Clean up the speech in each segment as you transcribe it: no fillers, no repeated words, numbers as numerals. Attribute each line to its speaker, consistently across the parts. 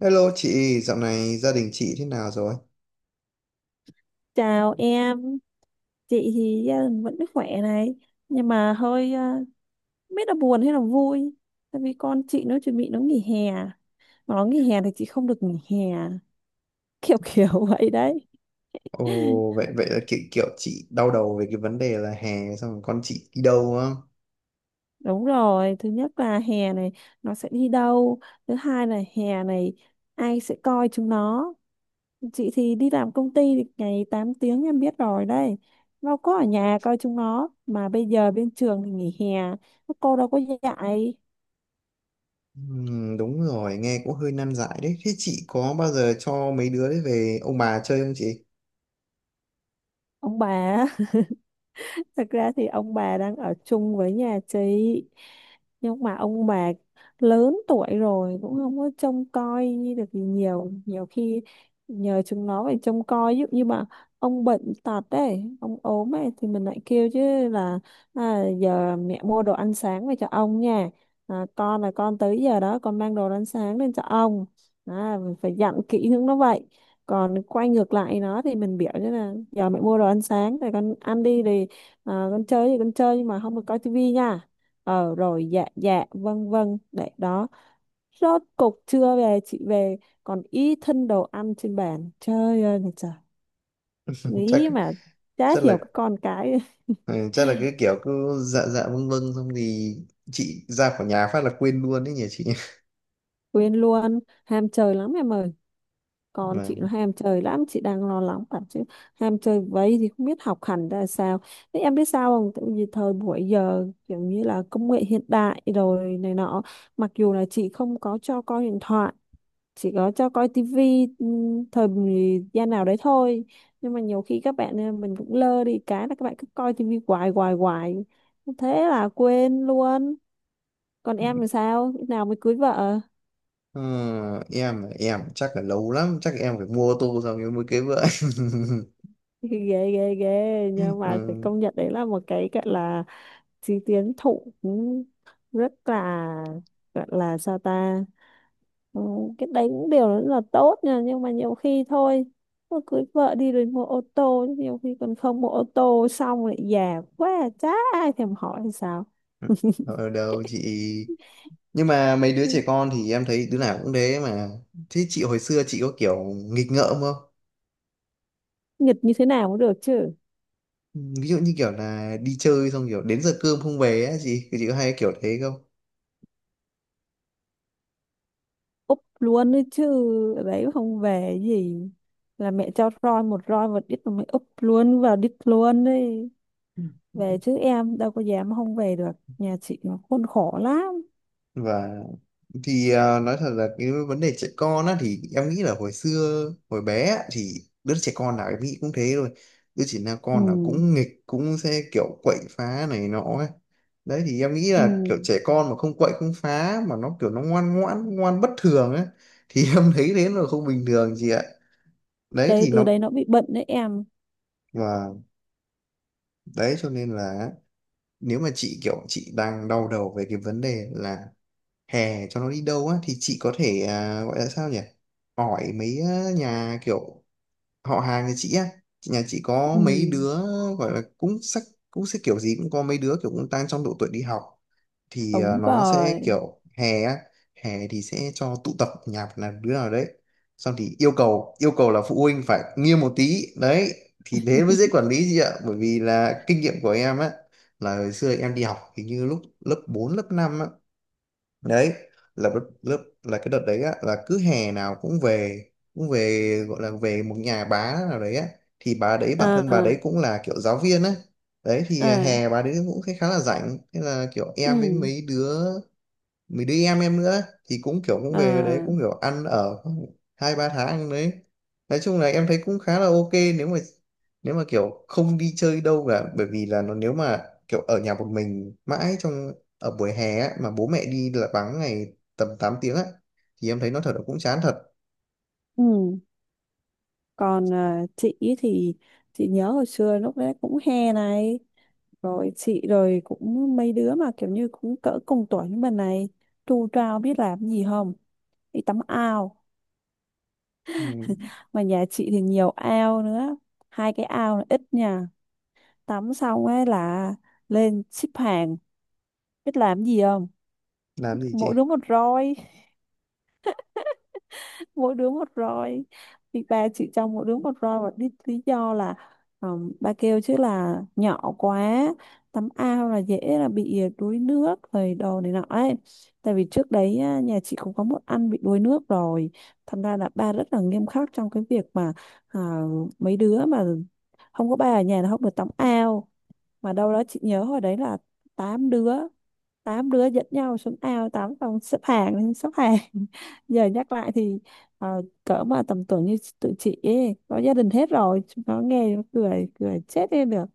Speaker 1: Hello chị, dạo này gia đình chị thế nào rồi?
Speaker 2: Chào em, chị thì gia đình vẫn khỏe này, nhưng mà hơi không biết là buồn hay là vui, tại vì con chị nó chuẩn bị nó nghỉ hè, mà nó nghỉ hè thì chị không được nghỉ hè, kiểu kiểu vậy đấy.
Speaker 1: Ồ, vậy vậy là kiểu chị đau đầu về cái vấn đề là hè xong rồi con chị đi đâu á?
Speaker 2: Đúng rồi, thứ nhất là hè này nó sẽ đi đâu, thứ hai là hè này ai sẽ coi chúng nó. Chị thì đi làm công ty thì ngày 8 tiếng em biết rồi đấy, nó có ở nhà coi chúng nó, mà bây giờ bên trường thì nghỉ hè, các cô đâu có dạy.
Speaker 1: Đúng rồi, nghe cũng hơi nan giải đấy. Thế chị có bao giờ cho mấy đứa đấy về ông bà chơi không chị?
Speaker 2: Ông bà. Thật ra thì ông bà đang ở chung với nhà chị, nhưng mà ông bà lớn tuổi rồi cũng không có trông coi được gì nhiều. Nhiều khi nhờ chúng nó phải trông coi, ví dụ như mà ông bệnh tật đấy, ông ốm ấy, thì mình lại kêu chứ là à, giờ mẹ mua đồ ăn sáng về cho ông nha, à, con là con tới giờ đó con mang đồ ăn sáng lên cho ông, à, mình phải dặn kỹ hướng nó vậy. Còn quay ngược lại nó thì mình biểu như là giờ mẹ mua đồ ăn sáng rồi con ăn đi thì Ờ, con chơi thì con chơi nhưng mà không được coi tivi nha, ờ rồi dạ dạ vâng vâng đấy đó, rốt cục trưa về chị về còn ý thân đồ ăn trên bàn, trời ơi là trời,
Speaker 1: Chắc
Speaker 2: nghĩ mà chả
Speaker 1: chắc là
Speaker 2: hiểu cái con cái.
Speaker 1: ừ, chắc là cái kiểu cứ dạ dạ vâng vâng xong thì chị ra khỏi nhà phát là quên luôn đấy nhỉ chị.
Speaker 2: Quên luôn, ham chơi lắm em ơi, con
Speaker 1: Mà
Speaker 2: chị nó ham chơi lắm, chị đang lo lắng lắm chứ. Ham chơi vậy thì không biết học hành ra sao. Thế em biết sao không, tại vì thời buổi giờ kiểu như là công nghệ hiện đại rồi này nọ, mặc dù là chị không có cho coi điện thoại, chỉ có cho coi tivi thời gian nào đấy thôi, nhưng mà nhiều khi các bạn mình cũng lơ đi, cái là các bạn cứ coi tivi hoài hoài hoài, thế là quên luôn. Còn em thì sao, lúc nào mới cưới vợ?
Speaker 1: ờ, em chắc là lâu lắm, chắc em phải mua ô tô xong rồi mới cưới vợ.
Speaker 2: Ghê ghê ghê, nhưng mà phải
Speaker 1: Ừ.
Speaker 2: công nhận đấy là một cái gọi là chí tiến thủ cũng rất là, gọi là sao ta. Ừ, cái đấy cũng đều rất là tốt nha, nhưng mà nhiều khi thôi mà cưới vợ đi rồi mua ô tô, nhiều khi còn không mua ô tô xong lại già quá, chả ai thèm hỏi hay sao.
Speaker 1: Ở đâu chị, nhưng mà mấy đứa
Speaker 2: Ừ,
Speaker 1: trẻ con thì em thấy đứa nào cũng thế mà. Thế chị hồi xưa chị có kiểu nghịch ngợm không,
Speaker 2: nghịch như thế nào cũng được chứ.
Speaker 1: ví dụ như kiểu là đi chơi xong kiểu đến giờ cơm không về á, chị thì chị có hay kiểu thế không?
Speaker 2: Úp luôn đấy chứ, ở đấy không về gì, là mẹ cho roi một đít, mà mày úp luôn vào đít luôn đấy, về chứ em đâu có dám không về được, nhà chị nó khốn khổ lắm.
Speaker 1: Và thì à, nói thật là cái vấn đề trẻ con á, thì em nghĩ là hồi xưa hồi bé á, thì đứa trẻ con nào em nghĩ cũng thế rồi. Đứa trẻ nào
Speaker 2: Ừ.
Speaker 1: con nào cũng nghịch, cũng sẽ kiểu quậy phá này nọ ấy. Đấy thì em nghĩ
Speaker 2: Ừ.
Speaker 1: là kiểu trẻ con mà không quậy không phá mà nó kiểu nó ngoan ngoãn ngoan bất thường ấy, thì em thấy thế là không bình thường chị ạ. Đấy
Speaker 2: Đấy,
Speaker 1: thì
Speaker 2: đứa
Speaker 1: nó,
Speaker 2: đấy nó bị bệnh đấy em.
Speaker 1: và đấy cho nên là nếu mà chị kiểu chị đang đau đầu về cái vấn đề là hè cho nó đi đâu á, thì chị có thể à, gọi là sao nhỉ, hỏi mấy nhà kiểu họ hàng nhà chị á. Nhà chị có
Speaker 2: Ừ,
Speaker 1: mấy đứa gọi là cũng sắc, cũng sẽ kiểu gì cũng có mấy đứa kiểu cũng đang trong độ tuổi đi học, thì ờ,
Speaker 2: đúng
Speaker 1: nó sẽ
Speaker 2: rồi.
Speaker 1: kiểu hè á, hè thì sẽ cho tụ tập nhà một là đứa nào đấy, xong thì yêu cầu là phụ huynh phải nghiêm một tí đấy, thì thế mới dễ quản lý chị ạ, bởi vì là kinh nghiệm của em á, là hồi xưa em đi học hình như lúc lớp 4 lớp năm á. Đấy là lớp lớp- là cái đợt đấy á, là cứ hè nào cũng về, cũng về gọi là về một nhà bá nào đấy á, thì bà đấy bản thân bà
Speaker 2: À.
Speaker 1: đấy cũng là kiểu giáo viên á. Đấy thì à,
Speaker 2: À.
Speaker 1: hè bà đấy cũng khá khá là rảnh, thế là kiểu em với
Speaker 2: Ừ.
Speaker 1: mấy đứa mình đi em nữa, thì cũng kiểu cũng về đấy
Speaker 2: À.
Speaker 1: cũng kiểu ăn ở hai ba tháng đấy. Nói chung là em thấy cũng khá là ok, nếu mà kiểu không đi chơi đâu cả, bởi vì là nó nếu mà kiểu ở nhà một mình mãi trong ở buổi hè á, mà bố mẹ đi là vắng ngày tầm 8 tiếng á, thì em thấy nó thật là cũng chán thật.
Speaker 2: Ừ. Còn à, chị ý thì chị nhớ hồi xưa lúc đấy cũng hè này, rồi chị rồi cũng mấy đứa mà kiểu như cũng cỡ cùng tuổi như mình này, tu trao biết làm gì không? Đi tắm ao,
Speaker 1: Ừ.
Speaker 2: mà nhà chị thì nhiều ao nữa, hai cái ao là ít nha. Tắm xong ấy là lên xếp hàng, biết làm gì không?
Speaker 1: Làm gì chị?
Speaker 2: Mỗi đứa một roi, mỗi đứa một roi, thì ba chị trong mỗi đứa một roi. Và lý do là ba kêu chứ là nhỏ quá, tắm ao là dễ là bị đuối nước rồi đồ này nọ ấy. Tại vì trước đấy á, nhà chị cũng có một anh bị đuối nước rồi, thành ra là ba rất là nghiêm khắc trong cái việc mà à, mấy đứa mà không có ba ở nhà là không được tắm ao. Mà đâu đó chị nhớ hồi đấy là 8 đứa, 8 đứa dẫn nhau xuống ao tắm xong xếp hàng xếp hàng. Giờ nhắc lại thì cỡ mà tầm tuổi như tụi chị ấy có gia đình hết rồi, chúng nó nghe nó cười cười chết đi được.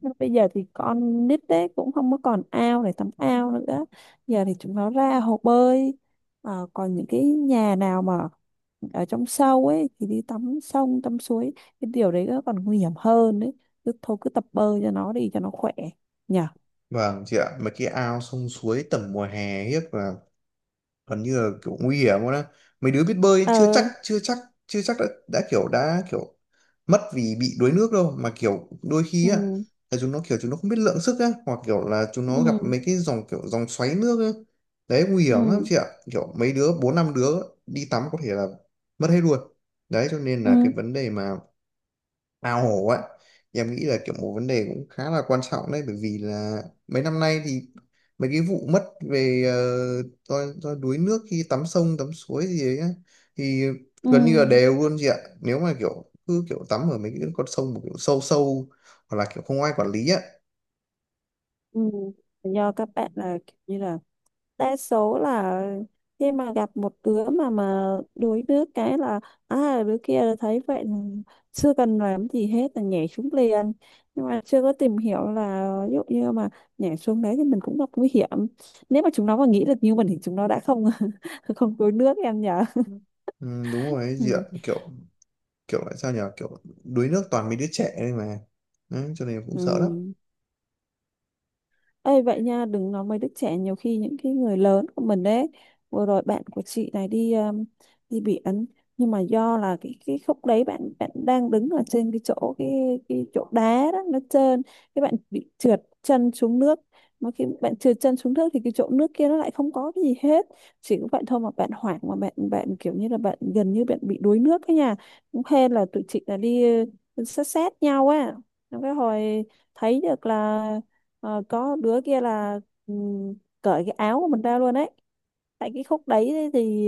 Speaker 2: Nhưng bây giờ thì con nít đấy cũng không có còn ao để tắm ao nữa, giờ thì chúng nó ra hồ bơi. Còn những cái nhà nào mà ở trong sâu ấy thì đi tắm sông tắm suối, cái điều đấy nó còn nguy hiểm hơn đấy. Cứ thôi cứ tập bơi cho nó đi cho nó khỏe nhỉ.
Speaker 1: Vâng chị ạ, mấy cái ao sông suối tầm mùa hè hiếp là gần như là kiểu nguy hiểm luôn á. Mấy đứa biết bơi chưa chắc
Speaker 2: Ờ.
Speaker 1: chưa chắc chưa chắc đã kiểu mất vì bị đuối nước đâu, mà kiểu đôi khi
Speaker 2: Ừ.
Speaker 1: á là chúng nó kiểu chúng nó không biết lượng sức á, hoặc kiểu là chúng nó gặp
Speaker 2: Ừ.
Speaker 1: mấy cái dòng kiểu dòng xoáy nước á. Đấy nguy
Speaker 2: Ừ.
Speaker 1: hiểm lắm chị ạ, kiểu mấy đứa bốn năm đứa đi tắm có thể là mất hết luôn. Đấy cho nên là
Speaker 2: Ừ.
Speaker 1: cái vấn đề mà ao hổ ấy, thì em nghĩ là kiểu một vấn đề cũng khá là quan trọng đấy, bởi vì là mấy năm nay thì mấy cái vụ mất về ờ, do đuối nước khi tắm sông tắm suối gì đấy á, thì
Speaker 2: Ừ.
Speaker 1: gần như là đều luôn chị ạ, nếu mà kiểu cứ kiểu tắm ở mấy cái con sông mà kiểu sâu sâu hoặc là kiểu không ai quản lý á.
Speaker 2: Ừ. Do các bạn là kiểu như là đa số là khi mà gặp một đứa mà đuối nước, cái là à, đứa kia thấy vậy là chưa cần làm gì hết là nhảy xuống liền, nhưng mà chưa có tìm hiểu là ví dụ như mà nhảy xuống đấy thì mình cũng gặp nguy hiểm. Nếu mà chúng nó mà nghĩ được như mình thì chúng nó đã không không đuối nước em nhở.
Speaker 1: Ừ, đúng rồi ấy chị ạ,
Speaker 2: Ừ.
Speaker 1: kiểu kiểu lại sao nhỉ, kiểu đuối nước toàn mấy đứa trẻ đây mà. Đấy, cho nên em cũng sợ lắm.
Speaker 2: Ừ. Ê vậy nha, đừng nói mấy đứa trẻ, nhiều khi những cái người lớn của mình đấy. Vừa rồi bạn của chị này đi đi biển, nhưng mà do là cái khúc đấy bạn bạn đang đứng ở trên cái chỗ cái chỗ đá đó nó trơn, cái bạn bị trượt chân xuống nước. Mà khi bạn trượt chân xuống nước thì cái chỗ nước kia nó lại không có cái gì hết. Chỉ có vậy thôi mà bạn hoảng, mà bạn bạn kiểu như là bạn gần như bạn bị đuối nước ấy nha. Cũng hên là tụi chị là đi ừ, sát sát nhau á. Xong cái hồi thấy được là có đứa kia là ừm, cởi cái áo của mình ra luôn đấy, tại cái khúc đấy thì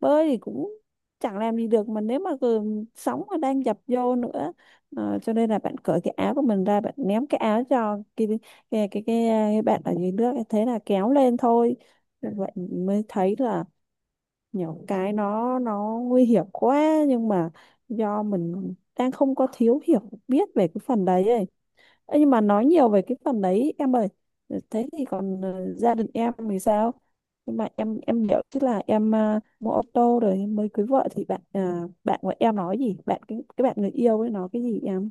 Speaker 2: bơi thì cũng chẳng làm gì được mà, nếu mà cứ sóng mà đang dập vô nữa, cho nên là bạn cởi cái áo của mình ra, bạn ném cái áo cho cái bạn ở dưới nước, thế là kéo lên thôi. Vậy mới thấy là nhiều cái nó nguy hiểm quá, nhưng mà do mình đang không có thiếu hiểu biết về cái phần đấy ấy. Ê, nhưng mà nói nhiều về cái phần đấy em ơi, thế thì còn gia đình em thì sao? Nhưng mà em hiểu chứ, là em mua ô tô rồi em mới cưới vợ, thì bạn của em nói gì, bạn cái bạn người yêu ấy nói cái gì em?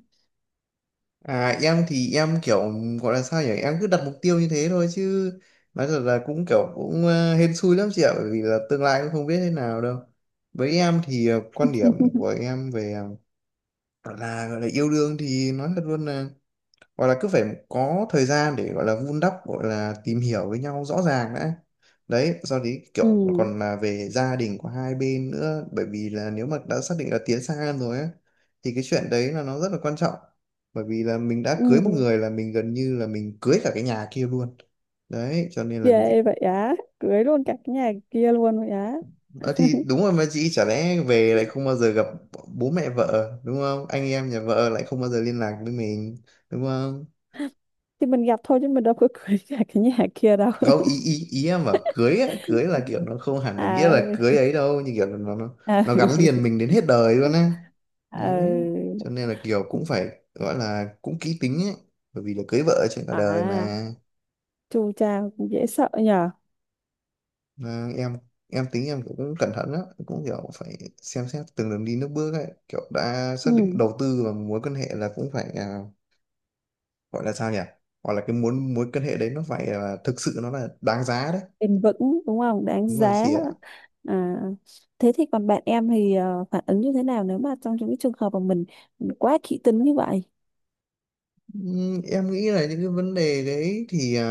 Speaker 1: À em thì em kiểu gọi là sao nhỉ, em cứ đặt mục tiêu như thế thôi chứ, nói thật là cũng kiểu cũng ờ, hên xui lắm chị ạ, bởi vì là tương lai cũng không biết thế nào đâu. Với em thì ờ, quan điểm của em về ờ, là gọi là yêu đương thì nói thật luôn là gọi là cứ phải có thời gian để gọi là vun đắp, gọi là tìm hiểu với nhau rõ ràng đã. Đấy sau đấy kiểu
Speaker 2: Ừ.
Speaker 1: còn là về gia đình của hai bên nữa, bởi vì là nếu mà đã xác định là tiến xa hơn rồi á, thì cái chuyện đấy là nó rất là quan trọng, bởi vì là mình đã
Speaker 2: Ừ.
Speaker 1: cưới một người là mình gần như là mình cưới cả cái nhà kia luôn. Đấy cho nên là
Speaker 2: Ghê vậy á, cưới luôn cả cái nhà kia luôn vậy á?
Speaker 1: Ờ, thì đúng rồi mà chị, chả lẽ về lại không bao giờ gặp bố mẹ vợ, đúng không, anh em nhà vợ lại không bao giờ liên lạc với mình, đúng không?
Speaker 2: Thì mình gặp thôi chứ mình đâu có cưới cả cái nhà kia đâu.
Speaker 1: Không, ý ý ý em bảo cưới á, cưới là kiểu nó không hẳn là nghĩa
Speaker 2: À.
Speaker 1: là cưới ấy đâu, như kiểu là nó
Speaker 2: À,
Speaker 1: nó gắn liền mình đến hết đời luôn á.
Speaker 2: à,
Speaker 1: Đấy. Cho nên là kiểu cũng phải gọi là cũng kỹ tính ấy, bởi vì là cưới vợ trên cả đời
Speaker 2: à,
Speaker 1: mà.
Speaker 2: chu cha cũng dễ sợ nhờ.
Speaker 1: Mà em tính em cũng cẩn thận á, cũng kiểu phải xem xét từng đường đi nước bước ấy, kiểu đã xác
Speaker 2: Ừ.
Speaker 1: định đầu tư vào mối quan hệ là cũng phải à, gọi là sao nhỉ, gọi là cái muốn mối quan hệ đấy nó phải là thực sự nó là đáng giá đấy.
Speaker 2: Bền vững đúng không, đáng
Speaker 1: Đúng rồi
Speaker 2: giá.
Speaker 1: chị ạ.
Speaker 2: À, thế thì còn bạn em thì phản ứng như thế nào nếu mà trong những cái trường hợp mà mình quá kỹ tính như vậy?
Speaker 1: Em nghĩ là những cái vấn đề đấy thì à,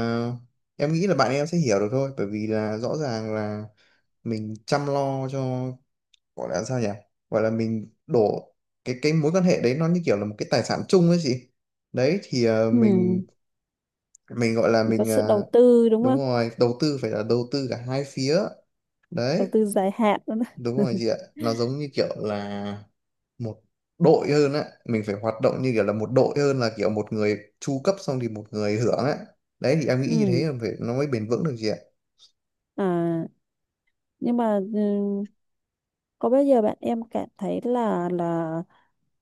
Speaker 1: em nghĩ là bạn em sẽ hiểu được thôi, bởi vì là rõ ràng là mình chăm lo cho gọi là sao nhỉ, gọi là mình đổ cái mối quan hệ đấy nó như kiểu là một cái tài sản chung ấy chị. Đấy thì à,
Speaker 2: Ừ.
Speaker 1: mình gọi là
Speaker 2: Mình có
Speaker 1: mình
Speaker 2: sự
Speaker 1: à,
Speaker 2: đầu tư đúng
Speaker 1: đúng
Speaker 2: không.
Speaker 1: rồi, đầu tư phải là đầu tư cả hai phía. Đấy,
Speaker 2: Đầu tư dài hạn đó.
Speaker 1: đúng rồi chị ạ, nó giống như kiểu là một đội hơn á, mình phải hoạt động như kiểu là một đội hơn là kiểu một người chu cấp xong thì một người hưởng á. Đấy thì em nghĩ như thế
Speaker 2: Ừ.
Speaker 1: là phải nó mới bền vững được chị ạ.
Speaker 2: À, nhưng mà ừ, có bao giờ bạn em cảm thấy là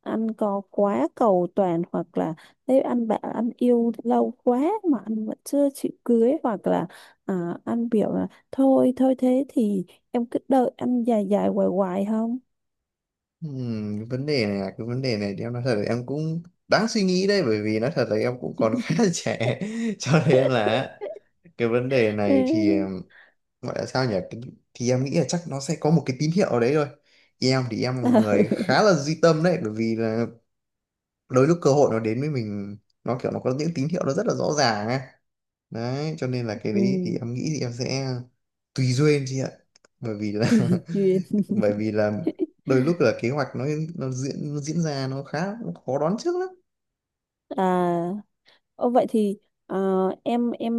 Speaker 2: anh có quá cầu toàn, hoặc là nếu anh bảo anh yêu lâu quá mà anh vẫn chưa chịu cưới, hoặc là à, anh biểu là thôi thôi thế thì em cứ đợi anh dài dài hoài hoài không?
Speaker 1: Cái vấn đề này thì em nói thật là em cũng đáng suy nghĩ đấy, bởi vì nói thật là em cũng còn khá là trẻ, cho nên là cái vấn đề
Speaker 2: Ừ.
Speaker 1: này thì gọi là sao nhỉ, thì em nghĩ là chắc nó sẽ có một cái tín hiệu ở đấy thôi. Em thì em là người khá là duy tâm đấy, bởi vì là đôi lúc cơ hội nó đến với mình, nó kiểu nó có những tín hiệu nó rất là rõ ràng ấy. Đấy cho nên là cái đấy thì
Speaker 2: Ừ,
Speaker 1: em nghĩ thì em sẽ tùy duyên chị ạ, bởi vì là
Speaker 2: tùy duyên.
Speaker 1: bởi vì là đôi lúc là kế hoạch nó nó diễn ra nó khá nó khó đoán trước lắm.
Speaker 2: À, ô vậy thì ờ, em em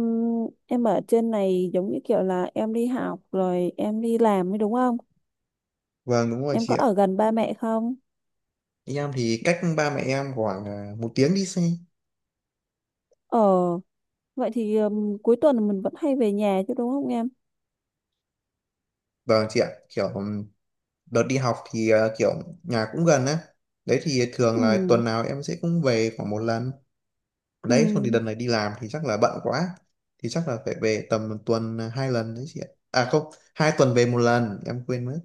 Speaker 2: em ở trên này giống như kiểu là em đi học rồi em đi làm ấy đúng không?
Speaker 1: Vâng đúng rồi
Speaker 2: Em có
Speaker 1: chị ạ.
Speaker 2: ở gần ba mẹ không?
Speaker 1: Em thì cách ba mẹ em khoảng à, một tiếng đi xe.
Speaker 2: Ờ, vậy thì cuối tuần mình vẫn hay về nhà chứ đúng không em?
Speaker 1: Vâng chị ạ, kiểu đợt đi học thì à, kiểu nhà cũng gần á, đấy thì thường là
Speaker 2: Ừ,
Speaker 1: tuần nào em sẽ cũng về khoảng một lần. Đấy xong
Speaker 2: ừ,
Speaker 1: thì đợt này đi làm thì chắc là bận quá, thì chắc là phải về tầm một tuần hai lần đấy chị ạ, à không, hai tuần về một lần em quên mất.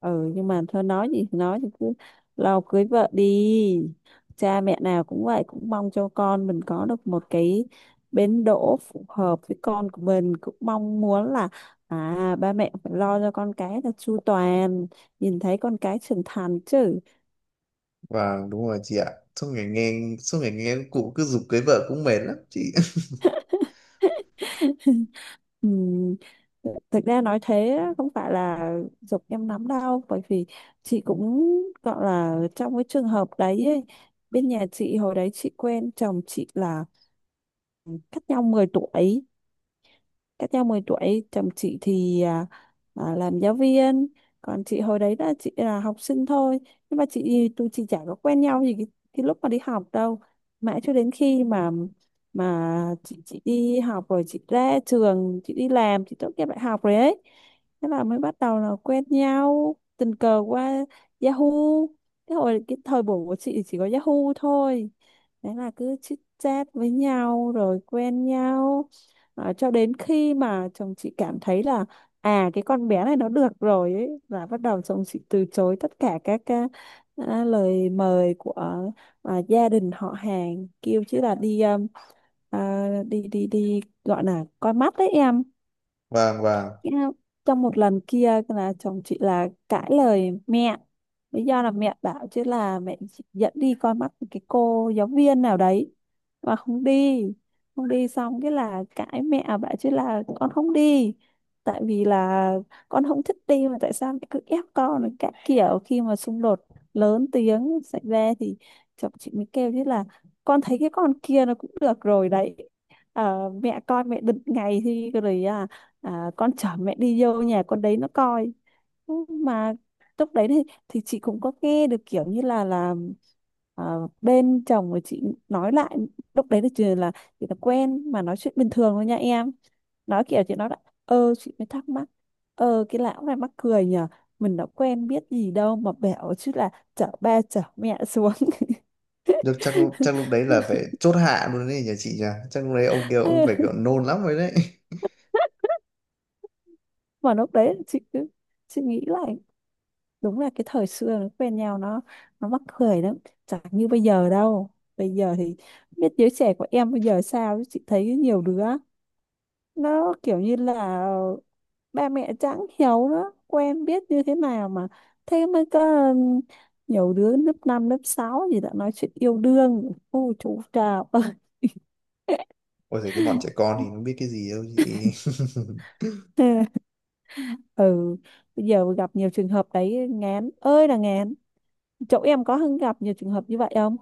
Speaker 2: ừ, nhưng mà thôi nói gì thì nói thì cứ lo cưới vợ đi. Cha mẹ nào cũng vậy, cũng mong cho con mình có được một cái bến đỗ phù hợp với con của mình. Cũng mong muốn là à, ba mẹ phải lo cho con cái là chu toàn, nhìn thấy con cái trưởng thành chứ.
Speaker 1: Vâng đúng rồi chị ạ, suốt ngày nghe cụ cứ giục cưới vợ cũng mệt lắm chị.
Speaker 2: Ừm, Thực ra nói thế á, không phải là giục em lắm đâu, bởi vì chị cũng gọi là trong cái trường hợp đấy ấy. Bên nhà chị hồi đấy, chị quen chồng chị là cách nhau 10 tuổi cách nhau 10 tuổi. Chồng chị thì làm giáo viên, còn chị hồi đấy là chị là học sinh thôi. Nhưng mà tụi chị chả có quen nhau gì cái lúc mà đi học đâu, mãi cho đến khi mà mà chị đi học rồi, chị ra trường, chị đi làm, chị tốt nghiệp đại học rồi ấy, thế là mới bắt đầu là quen nhau tình cờ qua Yahoo. Cái hồi cái thời buổi của chị thì chỉ có Yahoo thôi, đấy là cứ chit chat với nhau rồi quen nhau đó, cho đến khi mà chồng chị cảm thấy là à cái con bé này nó được rồi ấy, là bắt đầu chồng chị từ chối tất cả các cái, lời mời của gia đình họ hàng, kêu chứ là đi à, đi đi đi gọi là coi mắt đấy em.
Speaker 1: Vâng vâng
Speaker 2: cái- Trong một lần kia là chồng chị là cãi lời mẹ. Lý do là mẹ bảo chứ là mẹ chỉ dẫn đi coi mắt cái cô giáo viên nào đấy mà không đi. Không đi, xong cái là cãi, mẹ bảo chứ là con không đi. Tại vì là con không thích đi mà tại sao mẹ cứ ép con rồi các kiểu, khi mà xung đột lớn tiếng xảy ra thì chồng chị mới kêu chứ là con thấy cái con kia nó cũng được rồi đấy. Ờ, mẹ coi mẹ định ngày thì rồi, con chở mẹ đi vô nhà con đấy nó coi. Ừ, mà lúc đấy thì chị cũng có nghe được kiểu như là à, bên chồng của chị nói lại, lúc đấy là chỉ là quen mà nói chuyện bình thường thôi nha em. Nói kiểu chị nói là ờ chị mới thắc mắc, ờ cái lão này mắc cười nhờ, mình đã quen biết gì đâu mà bảo chứ là chở ba chở mẹ xuống.
Speaker 1: được, chắc lúc đấy là phải chốt hạ luôn đấy nhà chị nhỉ, chắc lúc đấy ông kia ông phải kiểu nôn lắm rồi đấy.
Speaker 2: Mà lúc đấy chị cứ, chị nghĩ lại đúng là cái thời xưa nó quen nhau, nó mắc cười lắm, chẳng như bây giờ đâu. Bây giờ thì không biết giới trẻ của em bây giờ sao, chứ chị thấy nhiều đứa nó kiểu như là ba mẹ chẳng hiểu nó quen biết như thế nào, mà thế mới có nhiều đứa lớp 5 lớp 6 gì đã nói chuyện yêu đương, ô chú chào.
Speaker 1: Ôi giời cái bọn trẻ con thì nó biết cái gì đâu chị.
Speaker 2: Ừ, bây giờ gặp nhiều trường hợp đấy, ngán ơi là ngán. Chỗ em có gặp nhiều trường hợp như vậy không?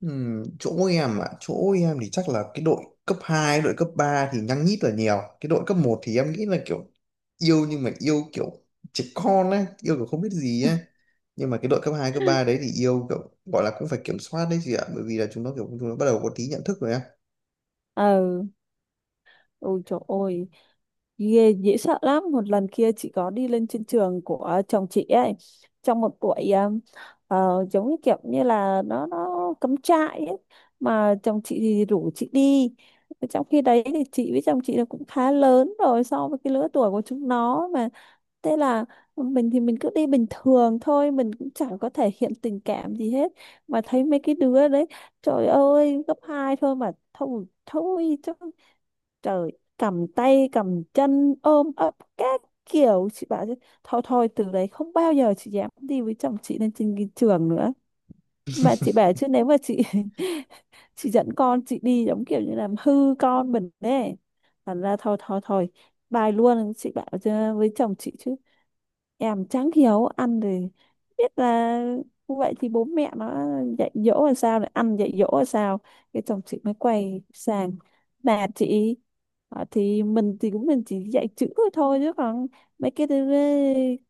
Speaker 1: Chỗ em ạ, chỗ em thì chắc là cái đội cấp 2, đội cấp 3 thì nhăng nhít là nhiều. Cái đội cấp một thì em nghĩ là kiểu yêu nhưng mà yêu kiểu trẻ con ấy, yêu kiểu không biết gì ấy. Nhưng mà cái đội cấp 2 cấp 3 đấy thì yêu kiểu gọi là cũng phải kiểm soát đấy chị ạ, bởi vì là chúng nó bắt đầu có tí nhận thức rồi á.
Speaker 2: Ờ, ôi trời ơi, ghê dễ sợ lắm. Một lần kia chị có đi lên trên trường của chồng chị ấy, trong một buổi giống như kiểu như là nó cắm trại ấy, mà chồng chị thì rủ chị đi. Trong khi đấy thì chị với chồng chị là cũng khá lớn rồi so với cái lứa tuổi của chúng nó. Mà thế là mình thì mình cứ đi bình thường thôi, mình cũng chẳng có thể hiện tình cảm gì hết, mà thấy mấy cái đứa đấy, trời ơi, gấp hai thôi mà thôi thôi chứ, trời, cầm tay cầm chân ôm ấp các kiểu. Chị bảo chứ thôi thôi, từ đấy không bao giờ chị dám đi với chồng chị lên trên cái trường nữa. Mà chị bảo chứ nếu mà chị chị dẫn con chị đi giống kiểu như làm hư con mình đấy, thành ra thôi thôi thôi, bài luôn. Chị bảo với chồng chị chứ em chẳng hiểu, ăn thì biết là như vậy thì bố mẹ nó dạy dỗ là sao, này ăn dạy dỗ là sao. Cái chồng chị mới quay sang là chị: "Ờ, thì mình thì cũng mình chỉ dạy chữ thôi thôi chứ, còn mấy cái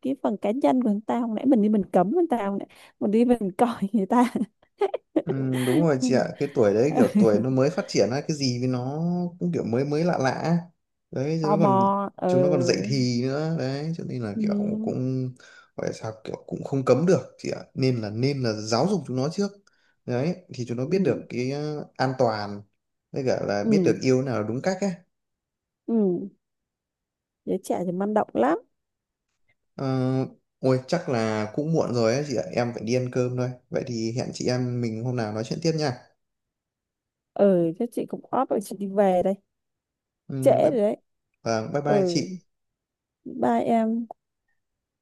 Speaker 2: cái phần cá nhân của người ta, hồi nãy mình đi mình cấm người ta, hồi nãy mình đi mình coi người ta.
Speaker 1: Ừ, đúng rồi chị ạ, cái tuổi đấy kiểu tuổi nó mới phát triển á, cái gì với nó cũng kiểu mới mới lạ lạ á. Đấy chứ
Speaker 2: Tò
Speaker 1: nó
Speaker 2: mò,
Speaker 1: còn
Speaker 2: ờ.
Speaker 1: chúng nó còn dậy thì nữa, đấy cho nên là
Speaker 2: Ừ.
Speaker 1: kiểu cũng gọi là sao, kiểu cũng không cấm được chị ạ, nên là giáo dục chúng nó trước. Đấy thì chúng nó biết được
Speaker 2: Ừ.
Speaker 1: cái ờ, an toàn với cả là
Speaker 2: Ừ,
Speaker 1: biết được yêu nào là đúng cách ấy.
Speaker 2: ừ, giới trẻ thì man động lắm.
Speaker 1: Ờ, ôi chắc là cũng muộn rồi ấy chị ạ, em phải đi ăn cơm thôi, vậy thì hẹn chị em mình hôm nào nói chuyện tiếp nha.
Speaker 2: Ờ, chắc chị cũng off rồi, chị đi về đây,
Speaker 1: Ừ,
Speaker 2: trễ
Speaker 1: bye,
Speaker 2: rồi đấy.
Speaker 1: vâng, bye bye
Speaker 2: Ừ,
Speaker 1: chị.
Speaker 2: bye em.